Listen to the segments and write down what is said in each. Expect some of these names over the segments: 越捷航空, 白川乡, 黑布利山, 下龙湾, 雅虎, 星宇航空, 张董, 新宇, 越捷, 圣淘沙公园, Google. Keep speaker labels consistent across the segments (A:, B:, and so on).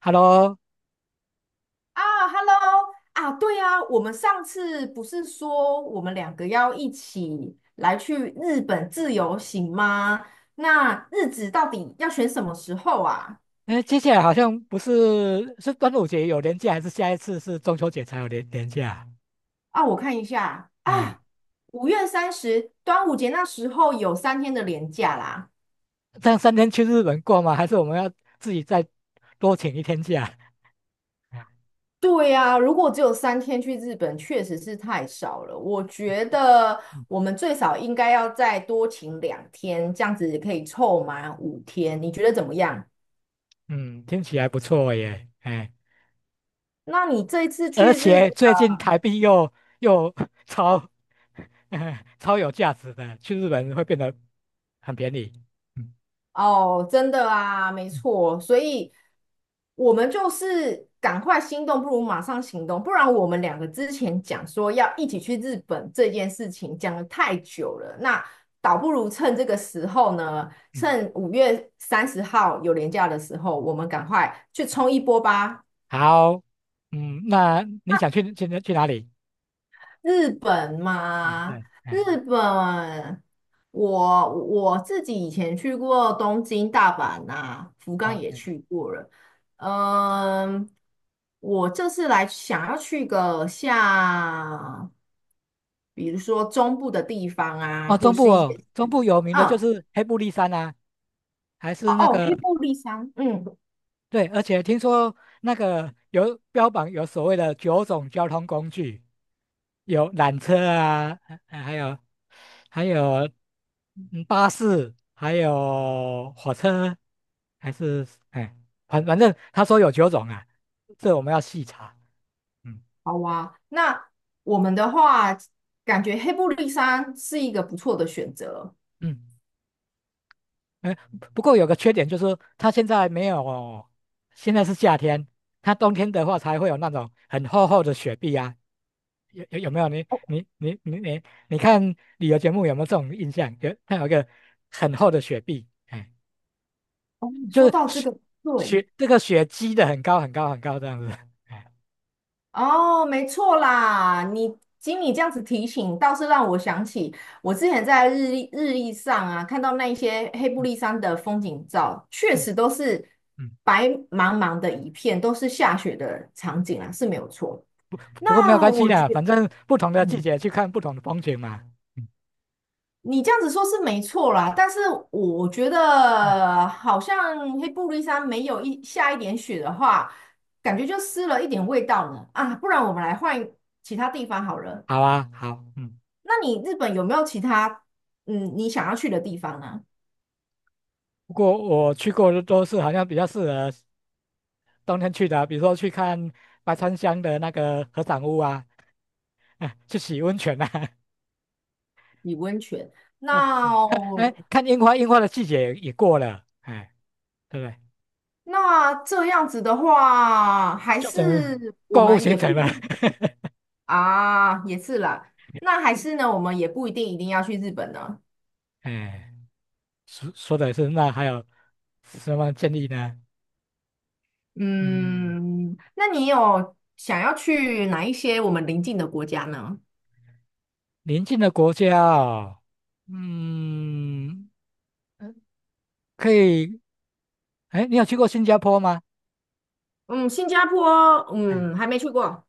A: Hello。
B: 啊，Hello 啊，对啊，我们上次不是说我们两个要一起来去日本自由行吗？那日子到底要选什么时候啊？
A: 接下来好像不是是端午节有年假，还是下一次是中秋节才有年假啊？
B: 啊，我看一下
A: 哎，
B: 啊，五月三十，端午节那时候有三天的连假啦。
A: 这样三天去日本过吗？还是我们要自己再多请一天假？哎
B: 对呀，如果只有三天去日本，确实是太少了。我觉得
A: 嗯，
B: 我们最少应该要再多请2天，这样子可以凑满5天。你觉得怎么样？
A: 嗯听起来不错耶。
B: 那你这一次
A: 而
B: 去日
A: 且
B: 本。
A: 最近台币又 超 超有价值的，去日本会变得很便宜。嗯
B: 哦，真的啊，没
A: 嗯
B: 错，所以我们就是赶快心动，不如马上行动，不然我们两个之前讲说要一起去日本这件事情讲的太久了，那倒不如趁这个时候呢，
A: 嗯，
B: 趁5月30号有连假的时候，我们赶快去冲一波吧。
A: 好。嗯，那你想去哪里？
B: 日本
A: 哎，
B: 嘛，
A: 对。哎，
B: 日本，我自己以前去过东京、大阪呐，福
A: 好
B: 冈也
A: ，OK。
B: 去过了。嗯，我这次来想要去个像，比如说中部的地方
A: 哦，
B: 啊，或
A: 中部
B: 是一些
A: 哦，中部有名的就
B: 哦，
A: 是黑布利山啊，还是那
B: 哦黑
A: 个
B: 布利山，嗯，
A: 对，而且听说那个有标榜有所谓的九种交通工具，有缆车啊，还有还有巴士，还有火车，还是反正他说有九种啊，这我们要细查。嗯
B: 好啊。那我们的话，感觉黑布利山是一个不错的选择。
A: 嗯。哎，不过有个缺点就是，它现在没有，现在是夏天，它冬天的话才会有那种很厚厚的雪碧啊。有有有没有你你看旅游节目有没有这种印象？有，它有一个很厚的雪碧。哎，
B: 嗯
A: 就
B: 说
A: 是
B: 到这
A: 雪
B: 个，对。
A: 雪这个雪积的很高很高很高这样子。哎，
B: 哦，没错啦，经你这样子提醒，倒是让我想起我之前在日历上啊，看到那一些黑布
A: 嗯
B: 利山的风景照，确
A: 嗯
B: 实都是
A: 嗯，
B: 白茫茫的一片，都是下雪的场景啊，是没有错。
A: 不过没有
B: 那
A: 关系
B: 我觉
A: 的，反正不同的季
B: 嗯，
A: 节去看不同的风景嘛。嗯
B: 你这样子说是没错啦，但是我觉
A: 嗯，
B: 得好像黑布利山没有一点雪的话，感觉就失了一点味道呢。啊，不然我们来换其他地方好了。
A: 好啊，好，嗯。
B: 那你日本有没有其他你想要去的地方呢？
A: 不过我去过的都是好像比较适合冬天去的，比如说去看白川乡的那个合掌屋啊，啊去洗温泉啊，
B: 洗温泉。
A: 啊看
B: 那
A: 看樱花，樱花的季节也过了。哎，对不对？
B: 那这样子的话，还
A: 就整个
B: 是我
A: 购物
B: 们
A: 行
B: 也不
A: 程
B: 一
A: 了。
B: 定啊，也是啦。那还是呢，我们也不一定一定要去日本呢。
A: 哎，说说的是，那还有什么建议呢？嗯，
B: 嗯，那你有想要去哪一些我们邻近的国家呢？
A: 邻近的国家哦。嗯，呃可以。哎，你有去过新加坡吗？
B: 嗯，新加坡，嗯，
A: 哎，
B: 还没去过。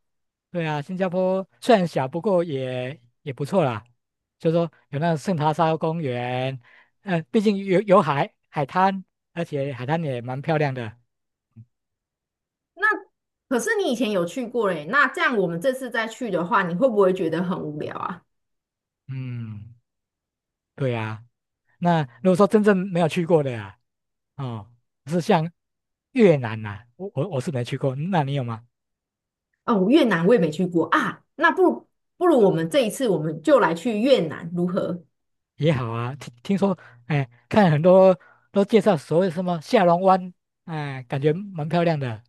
A: 对啊，新加坡虽然小，不过也不错啦。就说有那个圣淘沙公园，嗯、毕竟有海海滩，而且海滩也蛮漂亮的。
B: 那可是你以前有去过嘞，那这样我们这次再去的话，你会不会觉得很无聊啊？
A: 嗯，对呀、那如果说真正没有去过的呀、哦，是像越南呐、我是没去过，那你有吗？
B: 哦，越南我也没去过啊，那不如我们这一次我们就来去越南如何？
A: 也好啊，听听说，哎，看很多都介绍所谓什么下龙湾，哎，感觉蛮漂亮的。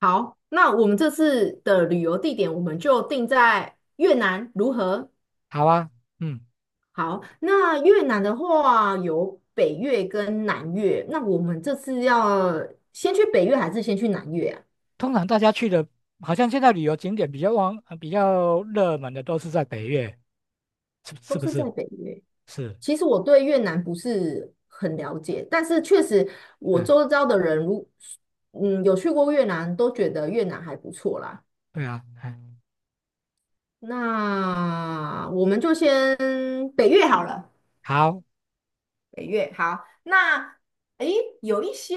B: 好，那我们这次的旅游地点我们就定在越南如何？
A: 好啊，嗯。
B: 好，那越南的话有北越跟南越，那我们这次要先去北越还是先去南越啊？
A: 通常大家去的，好像现在旅游景点比较旺、比较热门的都是在北越，是是
B: 都
A: 不
B: 是
A: 是？
B: 在北越。
A: 是。
B: 其实我对越南不是很了解，但是确实我
A: 哎，
B: 周遭的人有去过越南，都觉得越南还不错啦。
A: 对啊，哎，
B: 那我们就先北越好了，
A: 好
B: 北越好。那诶，有一些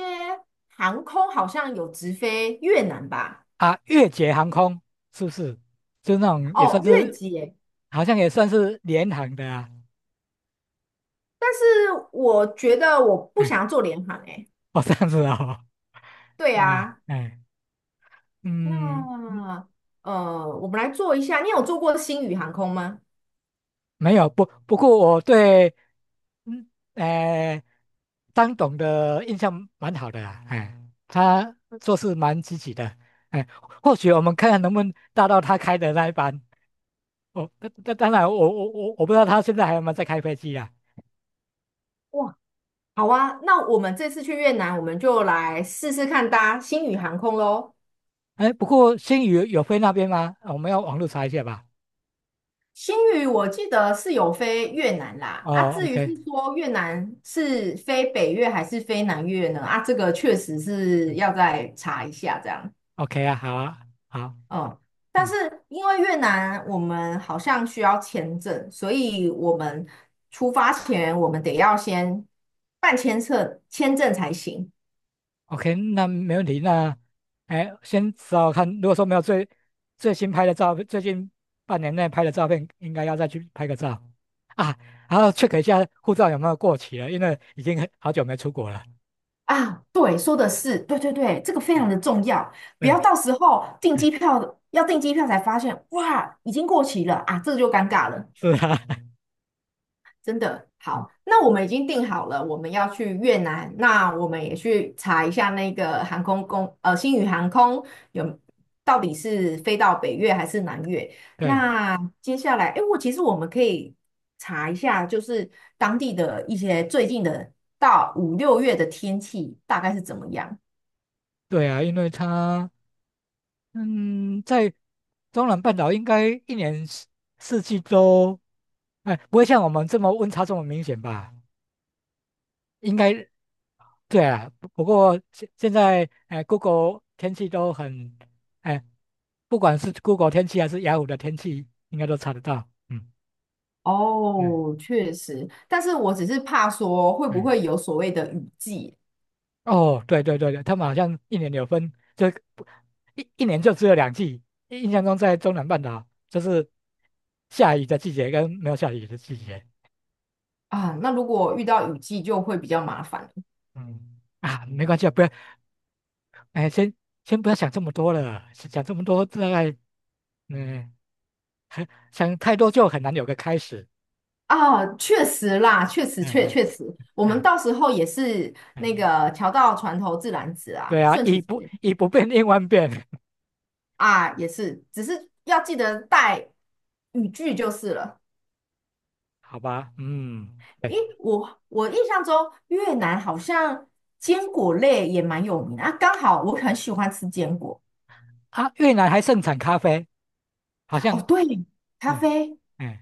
B: 航空好像有直飞越南吧？
A: 啊，越捷航空是不是？就那种也算
B: 哦，越
A: 是，
B: 捷。
A: 好像也算是联航的啊。
B: 但是我觉得我不
A: 哎，
B: 想要做联航诶。
A: 哦，这样子啊哦。
B: 对
A: 啊，
B: 啊，
A: 哎，嗯，
B: 那我们来做一下。你有做过星宇航空吗？
A: 没有不过我对嗯呃张董的印象蛮好的啦。哎，他做事蛮积极的，哎，或许我们看看能不能搭到他开的那一班。哦，那那当然我，我不知道他现在还有没有在开飞机啊？
B: 哇，好啊，那我们这次去越南，我们就来试试看搭星宇航空喽。
A: 哎，不过新宇有飞那边吗？哦，我们要网络查一下吧。
B: 新宇我记得是有飞越南啦，啊，
A: 哦
B: 至于是
A: ，OK。
B: 说越南是飞北越还是飞南越呢？啊，这个确实是
A: 嗯
B: 要再查一下这样，
A: ，OK 啊，好啊，好，
B: 嗯，但是
A: 嗯。
B: 因为越南我们好像需要签证，所以我们出发前我们得要先办签证，签证才行
A: OK,那没问题。那，哎，先找看，如果说没有最新拍的照片，最近半年内拍的照片，应该要再去拍个照啊，然后 check 一下护照有没有过期了，因为已经很好久没出国了。
B: 啊。对，说的是，对对对，这个非常
A: 哎，
B: 的重要。不要
A: 对。
B: 到时候订机
A: 哎，
B: 票，要订机票才发现，哇，已经过期了啊，这就尴尬了。
A: 是啊。
B: 真的
A: 嗯，
B: 好，那我们已经定好了，我们要去越南，那我们也去查一下那个航空公，呃，星宇航空有到底是飞到北越还是南越？
A: 对。
B: 那接下来，哎，我其实我们可以查一下，就是当地的一些最近的到5、6月的天气大概是怎么样。
A: 对啊，因为他嗯，在中南半岛应该一年四季都，哎，不会像我们这么温差这么明显吧？应该对啊，不不过现在，哎，Google 天气都很，哎，不管是 Google 天气还是雅虎的天气，应该都查得到。嗯嗯
B: 哦，确实，但是我只是怕说会不
A: 嗯。
B: 会有所谓的雨季
A: 哦，对对对对，他们好像一年有分，就不一年就只有两季。印象中在中南半岛就是下雨的季节跟没有下雨的季节。
B: 啊？那如果遇到雨季就会比较麻烦。
A: 嗯啊，没关系啊，不要，哎，先不要想这么多了，想这么多大概，嗯，很想太多就很难有个开始。
B: 啊，确实啦，确实
A: 嗯
B: 确
A: 嗯。
B: 确实，我们
A: 嗯
B: 到时候也是 那
A: 嗯，
B: 个桥到船头自然直啊，
A: 对啊，
B: 顺其自然
A: 以不变应万变。
B: 啊，也是，只是要记得带语句就是了。
A: 好吧？嗯，
B: 咦，
A: 对
B: 我印象中越南好像坚果类也蛮有名的啊，刚好我很喜欢吃坚果。
A: 啊，越南还盛产咖啡，好
B: 哦，
A: 像。
B: 对，咖
A: 嗯
B: 啡。
A: 嗯。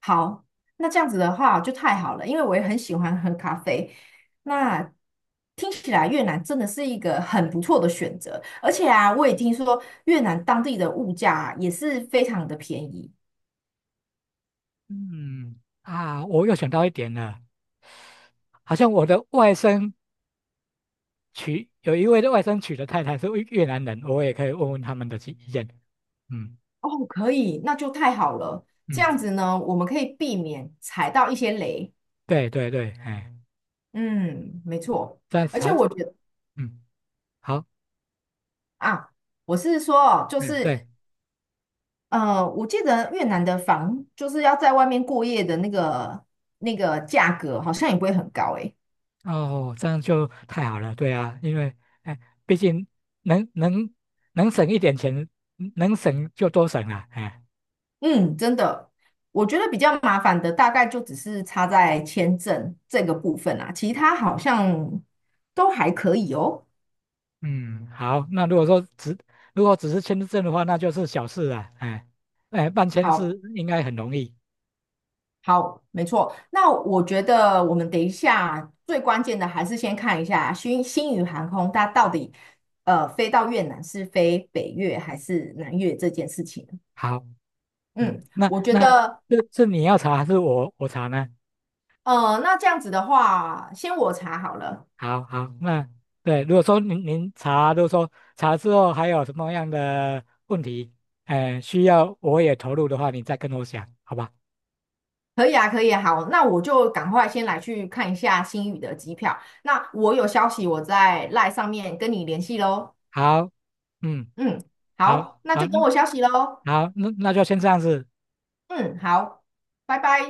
B: 好，那这样子的话就太好了，因为我也很喜欢喝咖啡。那听起来越南真的是一个很不错的选择，而且啊，我也听说越南当地的物价啊也是非常的便宜。
A: 嗯啊，我又想到一点了，好像我的外甥娶，有一位的外甥娶的太太是越南人，我也可以问问他们的意见。嗯
B: 哦，可以，那就太好了。这
A: 嗯，
B: 样子呢，我们可以避免踩到一些雷。
A: 对对对。哎，
B: 嗯，没错。
A: 这样
B: 而且
A: 才
B: 我觉得
A: 嗯好。
B: 啊，我是说哦，就
A: 嗯，
B: 是
A: 对。
B: 我记得越南的房就是要在外面过夜的那个价格，好像也不会很高诶。
A: 哦，这样就太好了，对啊，因为哎，毕竟能能省一点钱，能省就多省了。哎，
B: 嗯，真的，我觉得比较麻烦的大概就只是差在签证这个部分啊，其他好像都还可以哦。
A: 嗯，好，那如果说如果只是签证的话，那就是小事了。哎，哎，办签
B: 好，
A: 是应该很容易。
B: 好，没错。那我觉得我们等一下最关键的还是先看一下新宇航空它到底飞到越南是飞北越还是南越这件事情。
A: 好，
B: 嗯。
A: 嗯，那
B: 我觉
A: 那
B: 得
A: 这是你要查还是我查呢？
B: 那这样子的话，先我查好了，
A: 好好，那对，如果说您查，如果说查之后还有什么样的问题，哎，需要我也投入的话，你再跟我讲，好吧？
B: 可以啊，可以啊，好，那我就赶快先来去看一下新宇的机票。那我有消息，我在 l 上面跟你联系喽。
A: 好，嗯，
B: 嗯，好，
A: 好，
B: 那
A: 好，
B: 就等我
A: 嗯。
B: 消息喽。
A: 好，那那就先这样子。
B: 嗯，好，拜拜。